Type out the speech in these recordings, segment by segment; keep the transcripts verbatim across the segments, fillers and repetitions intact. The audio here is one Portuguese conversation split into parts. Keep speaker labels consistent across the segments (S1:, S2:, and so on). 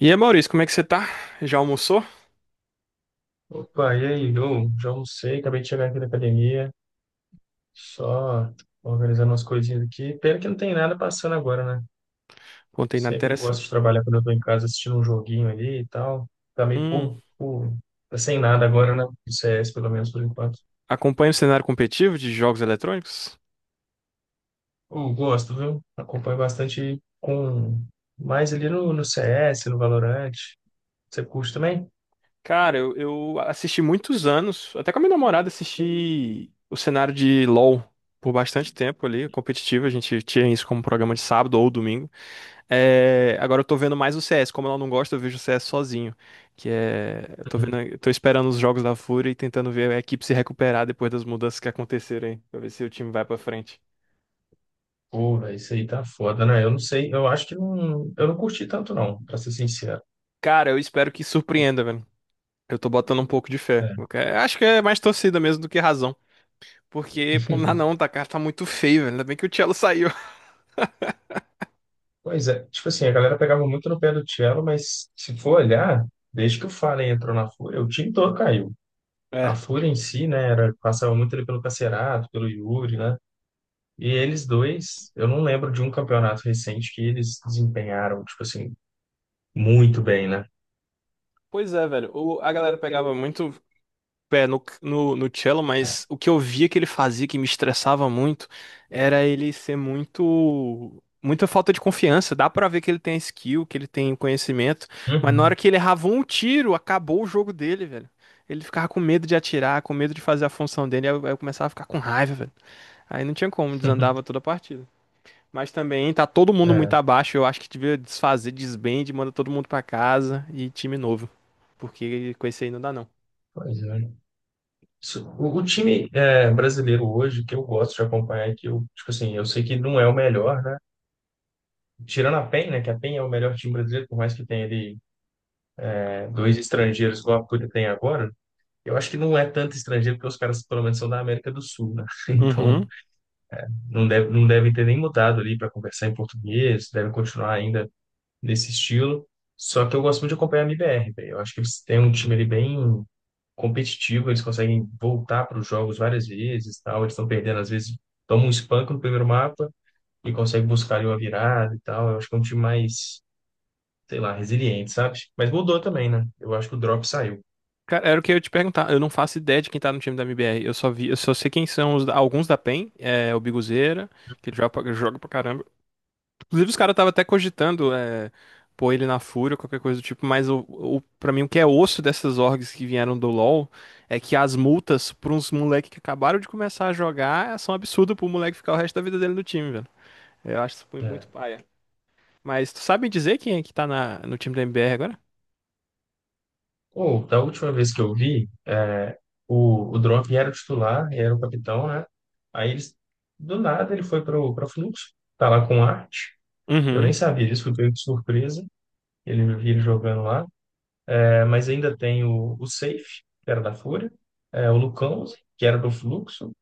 S1: E aí, Maurício, como é que você tá? Já almoçou?
S2: Opa, e aí? Eu já almocei, acabei de chegar aqui da academia, só organizando umas coisinhas aqui. Pena que não tem nada passando agora, né?
S1: Contei nada
S2: Sempre gosto
S1: interessante.
S2: de trabalhar quando eu tô em casa assistindo um joguinho ali e tal. Tá meio
S1: Hum,
S2: por, por... tá sem nada agora, né? Do C S, pelo menos por enquanto.
S1: acompanha o cenário competitivo de jogos eletrônicos?
S2: Eu gosto, viu? Acompanho bastante com... mais ali no, no C S, no Valorant. Você curte também?
S1: Cara, eu, eu assisti muitos anos, até com a minha namorada assisti o cenário de LoL por bastante tempo ali, competitivo, a gente tinha isso como programa de sábado ou domingo. É, agora eu tô vendo mais o C S, como ela não gosta, eu vejo o C S sozinho, que é, eu tô vendo, eu tô esperando os jogos da Fúria e tentando ver a equipe se recuperar depois das mudanças que aconteceram aí, pra ver se o time vai pra frente.
S2: Uhum. Pô, véi, isso aí tá foda, né? Eu não sei, eu acho que não. Eu não curti tanto, não, pra ser sincero.
S1: Cara, eu espero que surpreenda, velho. Eu tô botando um pouco de fé.
S2: É.
S1: Eu que- Acho que é mais torcida mesmo do que razão. Porque, pô, não, dá não, tá, cara, tá muito feio, velho. Ainda bem que o Cello saiu.
S2: Pois é, tipo assim, a galera pegava muito no pé do Cello, mas se for olhar, desde que o Fallen entrou na Fúria, o time todo caiu. A
S1: É.
S2: Fúria em si, né, era, passava muito ali pelo Cacerato, pelo Yuri, né? E eles dois, eu não lembro de um campeonato recente que eles desempenharam, tipo assim, muito bem, né?
S1: Pois é, velho. O- a galera pegava muito pé no, no, no Cello, mas o que eu via que ele fazia, que me estressava muito, era ele ser muito. Muita falta de confiança. Dá pra ver que ele tem skill, que ele tem conhecimento, mas na hora
S2: Uhum.
S1: que ele errava um tiro, acabou o jogo dele, velho. Ele ficava com medo de atirar, com medo de fazer a função dele, aí eu, aí eu começava a ficar com raiva, velho. Aí não tinha como, desandava toda a partida. Mas também tá todo mundo muito
S2: É,
S1: abaixo, eu acho que devia desfazer, desbande, manda todo mundo pra casa e time novo. Porque com esse aí não dá não.
S2: pois é. Isso- O, o time é, brasileiro hoje, que eu gosto de acompanhar, que eu, tipo assim, eu sei que não é o melhor, né? Tirando a pen, né? Que a pen é o melhor time brasileiro, por mais que tenha ali dois estrangeiros igual a Púria tem agora, eu acho que não é tanto estrangeiro, porque os caras pelo menos são da América do Sul, né? Então
S1: Uhum.
S2: não deve, não devem ter nem mudado ali para conversar em português, devem continuar ainda nesse estilo. Só que eu gosto muito de acompanhar a M B R, velho. Eu acho que eles têm um time ali bem competitivo, eles conseguem voltar para os jogos várias vezes, tal. Eles estão perdendo, às vezes tomam um espanco no primeiro mapa e conseguem buscar ali uma virada e tal. Eu acho que é um time mais, sei lá, resiliente, sabe? Mas mudou também, né? Eu acho que o drop saiu,
S1: Cara, era o que eu ia te perguntar. Eu não faço ideia de quem tá no time da M B R. Eu só vi, eu só sei quem são os- alguns da PEN, é, o Biguzeira, que ele joga pra, joga pra caramba. Inclusive, os caras estavam até cogitando é, pôr ele na Fúria, qualquer coisa do tipo, mas o, o, pra mim o que é osso dessas orgs que vieram do LoL é que as multas pra uns moleques que acabaram de começar a jogar são absurdas pro moleque ficar o resto da vida dele no time, velho. Eu acho isso mu- muito
S2: né?
S1: paia. Mas tu sabe me dizer quem é que tá na, no time da M B R agora?
S2: Ou, da última vez que eu vi, é, o, o Drop era o titular, era o capitão, né? Aí, eles, do nada, ele foi para o Fluxo, tá lá com o Arte. Eu nem
S1: Uhum.
S2: sabia disso, fui pego de surpresa. Ele vi ele jogando lá. É, mas ainda tem o, o Safe, que era da Fúria, é, o Lucão, que era do Fluxo,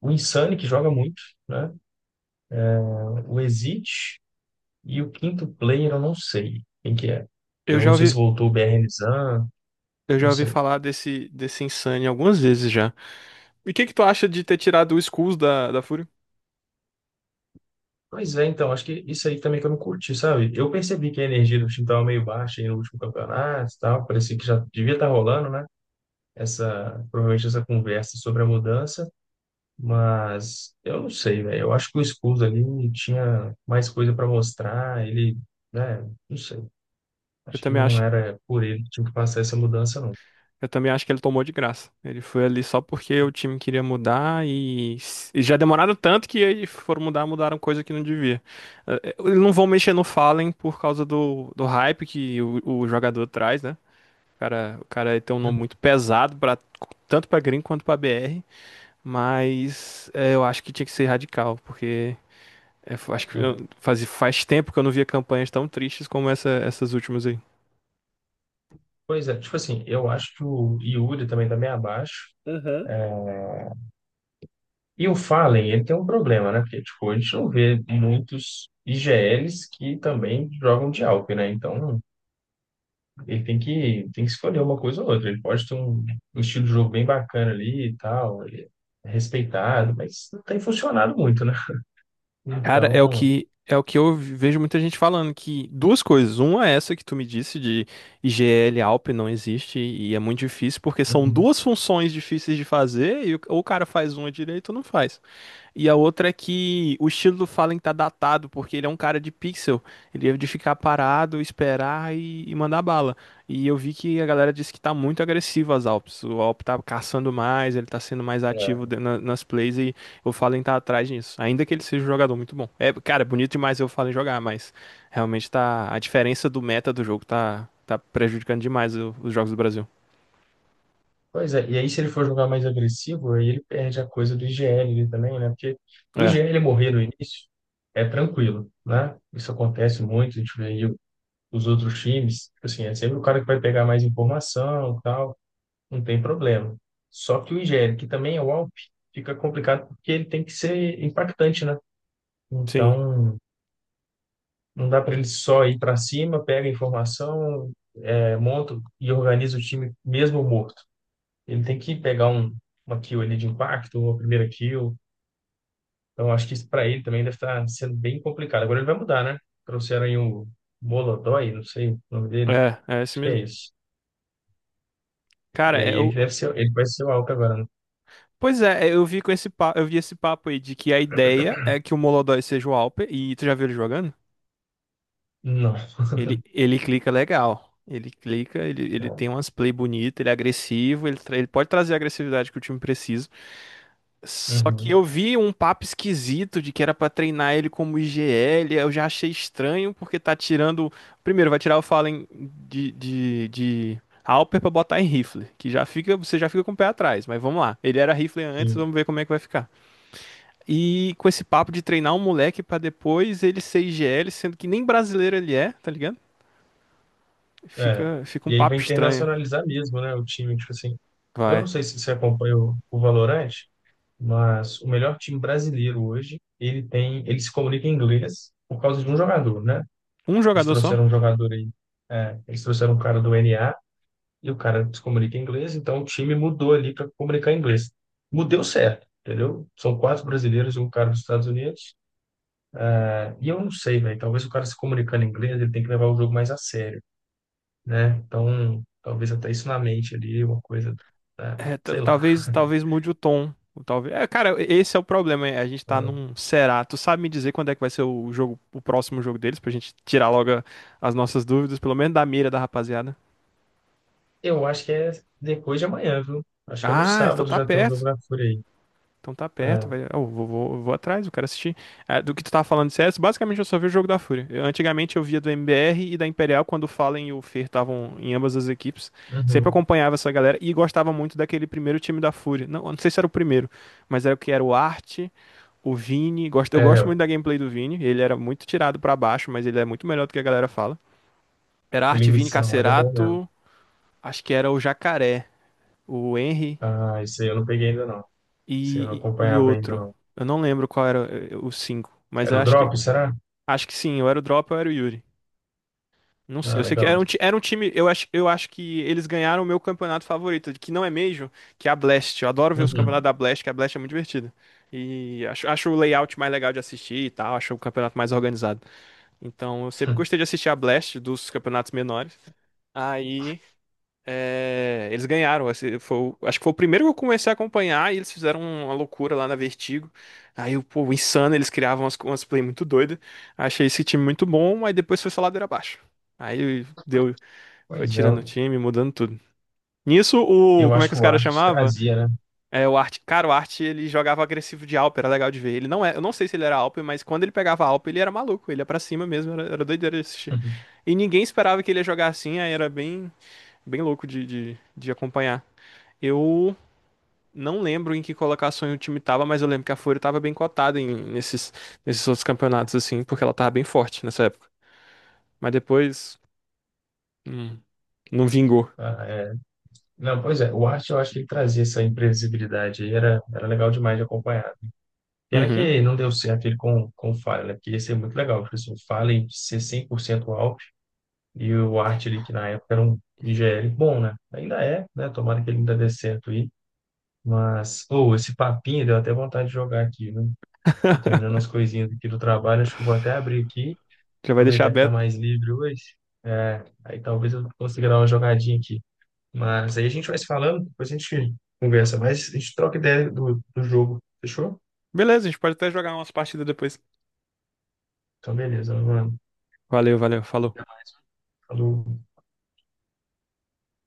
S2: o Insane, que joga muito, né? O Exit e o quinto player, eu não sei quem que é.
S1: Eu
S2: Eu
S1: já
S2: não sei
S1: ouvi,
S2: se voltou o B R Nizam,
S1: eu
S2: não
S1: já ouvi
S2: sei.
S1: falar desse, desse Insane algumas vezes já. E o que que tu acha de ter tirado o Skulls da, da Fúria?
S2: Pois é, então, acho que isso aí também que eu não curti, sabe? Eu percebi que a energia do time estava meio baixa aí no último campeonato e tal, parecia que já devia estar rolando, né? Essa, provavelmente essa conversa sobre a mudança, mas eu não sei, velho. Eu acho que o Scuso ali tinha mais coisa para mostrar, ele, né? Não sei.
S1: Eu
S2: Acho que
S1: também
S2: não
S1: acho,
S2: era por ele que tinha que passar essa mudança, não.
S1: eu também acho que ele tomou de graça. Ele foi ali só porque o time queria mudar e, s- e já demoraram tanto que aí foram mudar, mudaram coisa que não devia. Eh, eh, Eles não vão mexer no Fallen por causa do, do hype que o, o jogador traz, né? O cara, o cara tem um nome
S2: Uhum.
S1: muito pesado para tanto pra Green quanto pra B R, mas eh, eu acho que tinha que ser radical, porque É, f- acho que eu-
S2: É,
S1: faz, faz tempo que eu não via campanhas tão tristes como essa- essas últimas aí.
S2: pois é, tipo assim, eu acho que o Yuri também tá meio abaixo. E o Fallen, ele tem um problema, né? Porque, tipo, a gente não vê muitos I G Ls que também jogam de Alp, né? Então, ele tem que, tem que escolher uma coisa ou outra. Ele pode ter um, um estilo de jogo bem bacana ali e tal, ele é respeitado, mas não tem funcionado muito, né?
S1: Cara, é o
S2: Então,
S1: que é o que eu vejo muita gente falando que duas coisas. Uma é essa que tu me disse de I G L Alp não existe e é muito difícil porque são
S2: uhum,
S1: duas funções difíceis de fazer e o, ou o cara faz uma direito ou não faz. E a outra é que o estilo do Fallen tá datado, porque ele é um cara de pixel. Ele é de ficar parado, esperar e, e mandar bala. E eu vi que a galera disse que tá muito agressivo as Alps. O Alp tá caçando mais, ele tá sendo mais ativo de- na- nas plays e o Fallen tá atrás disso. Ainda que ele seja um jogador muito bom. É, cara, é bonito demais ver o Fallen jogar, mas realmente tá. A diferença do meta do jogo tá, tá prejudicando demais o- os jogos do Brasil.
S2: pois é. E aí, se ele for jogar mais agressivo, aí ele perde a coisa do I G L ali também, né? Porque o
S1: É,
S2: I G L morrer no início é tranquilo, né? Isso acontece muito, a gente vê aí os outros times, tipo assim, é sempre o cara que vai pegar mais informação e tal, não tem problema. Só que o Igério, que também é o Alp, fica complicado porque ele tem que ser impactante, né?
S1: sim.
S2: Então, não dá para ele só ir para cima, pega a informação, é, monta e organiza o time mesmo morto. Ele tem que pegar um, uma kill ali de impacto, uma primeira kill. Então, acho que isso para ele também deve estar sendo bem complicado. Agora ele vai mudar, né? Trouxeram aí o Molodói, não sei o nome dele.
S1: É, é esse
S2: Acho que é
S1: mesmo.
S2: isso. E
S1: Cara,
S2: aí
S1: é,
S2: ele deve ser, ele vai ser o Alckmin agora, né?
S1: pois é, é, eu vi com esse pa... eu vi esse papo aí de que a ideia é que o Molodói seja o Alper e tu já viu ele jogando?
S2: Não.
S1: Ele, ele clica legal. Ele clica, ele, ele tem umas play bonitas, ele é agressivo, ele, tra- ele pode trazer a agressividade que o time precisa. Só que eu
S2: Uhum,
S1: vi um papo esquisito de que era pra treinar ele como I G L, eu já achei estranho porque tá tirando. Primeiro, vai tirar o Fallen de, de, de Alper pra botar em rifle, que já fica, você já fica com o pé atrás, mas vamos lá. Ele era rifle antes,
S2: sim.
S1: vamos ver como é que vai ficar. E com esse papo de treinar um moleque pra depois ele ser I G L, sendo que nem brasileiro ele é, tá ligado?
S2: É.
S1: Fica, fica um
S2: E aí vai
S1: papo estranho.
S2: internacionalizar mesmo, né? O time, tipo assim. Eu não
S1: Vai.
S2: sei se você acompanha o, o Valorant, mas o melhor time brasileiro hoje, ele tem, ele se comunica em inglês por causa de um jogador, né?
S1: Um
S2: Eles
S1: jogador só?
S2: trouxeram um jogador aí, é, eles trouxeram um cara do N A e o cara se comunica em inglês, então o time mudou ali para comunicar em inglês. Mudeu certo, entendeu? São quatro brasileiros e um cara dos Estados Unidos. E eu não sei, velho. Talvez o cara se comunicando em inglês, ele tem que levar o jogo mais a sério, né? Então, talvez até isso na mente ali, uma coisa, né?
S1: É, ta-
S2: Sei lá.
S1: talvez, talvez mude o tom. Ou talvez. É, cara, esse é o problema. É, a gente tá num será. Tu sabe me dizer quando é que vai ser o jogo, o próximo jogo deles, pra gente tirar logo a- as nossas dúvidas, pelo menos da mira da rapaziada.
S2: Eu acho que é depois de amanhã, viu? Acho que é no
S1: Ah, então
S2: sábado
S1: tá
S2: já tem um jogo
S1: perto.
S2: da Fúria aí.
S1: Então tá perto,
S2: É,
S1: vai. Eu vou, vou, vou atrás, eu quero assistir. Ah, do que tu tava falando de C S, basicamente eu só vi o jogo da Fúria. Eu- antigamente eu via do M B R e da Imperial, quando o Fallen e o Fer estavam em ambas as equipes. Sempre
S2: uhum.
S1: acompanhava essa galera e gostava muito daquele primeiro time da Fúria. Não, eu não sei se era o primeiro, mas era o que era o Art, o Vini. Gosto, eu
S2: É,
S1: gosto
S2: o
S1: muito da gameplay do Vini. Ele era muito tirado pra baixo, mas ele é muito melhor do que a galera fala. Era Art, Vini,
S2: Linguição, olha, é bom mesmo.
S1: Cacerato, acho que era o Jacaré, o Henry
S2: Ah, isso aí eu não peguei ainda não. Isso aí eu não
S1: e, e
S2: acompanhava ainda
S1: outro.
S2: não.
S1: Eu não lembro qual era eh, os cinco, mas eu
S2: Era o
S1: acho que
S2: Drop, será?
S1: acho que sim, eu era o Drop, eu era o Yuri. Não sei,
S2: Ah,
S1: eu sei que era
S2: legal.
S1: um, ti- era um time, eu acho, eu acho que eles ganharam o meu campeonato favorito, que não é Major, que é a Blast. Eu adoro ver os
S2: Uhum.
S1: campeonatos da Blast, que a Blast é muito divertida. E acho, acho o layout mais legal de assistir e tal, acho o campeonato mais organizado. Então, eu sempre gostei de assistir a Blast dos campeonatos menores. Aí é, eles ganharam. Esse foi o- acho que foi o primeiro que eu comecei a acompanhar e eles fizeram uma loucura lá na Vertigo. Aí, o pô, insano, eles criavam umas, umas play muito doidas. Achei esse time muito bom, mas depois foi só ladeira abaixo. Aí deu, foi
S2: Pois é,
S1: tirando o time, mudando tudo. Nisso, o,
S2: eu
S1: como é
S2: acho
S1: que
S2: que
S1: os
S2: o
S1: caras
S2: Arte
S1: chamava?
S2: trazia, né?
S1: É, o Art, cara, o Art, ele jogava agressivo de Alp, era legal de ver. Ele não é, eu não sei se ele era Alp, mas quando ele pegava Alp, ele era maluco, ele ia pra cima mesmo, era, era doideira de assistir. E ninguém esperava que ele ia jogar assim, aí era bem, bem louco de, de de acompanhar. Eu não lembro em que colocação o time tava, mas eu lembro que a Fúria tava bem cotada em- nesses, nesses outros campeonatos, assim, porque ela tava bem forte nessa época. Mas depois, hum, não vingou.
S2: Ah, é. Não, pois é, o Arte eu acho que ele trazia essa imprevisibilidade aí, era, era legal demais de acompanhar. Pena
S1: Uhum.
S2: que não deu certo ele com, com o Fallen, né? Porque ia ser muito legal, porque assim, o Fallen ser cem por cento Alp e o Arte ali, que na época era um I G L bom, né? Ainda é, né? Tomara que ele ainda dê certo aí. Mas, ou esse papinho deu até vontade de jogar aqui, né? Tô terminando as coisinhas aqui do trabalho, acho que eu vou até abrir aqui,
S1: Já vai deixar
S2: aproveitar que tá
S1: aberto.
S2: mais livre hoje. É, aí talvez eu consiga dar uma jogadinha aqui. Mas aí a gente vai se falando, depois a gente conversa mais, a gente troca ideia do, do jogo. Fechou?
S1: Beleza, a gente pode até jogar umas partidas depois.
S2: Então, beleza, mano.
S1: Valeu, valeu, falou.
S2: Até mais. Falou.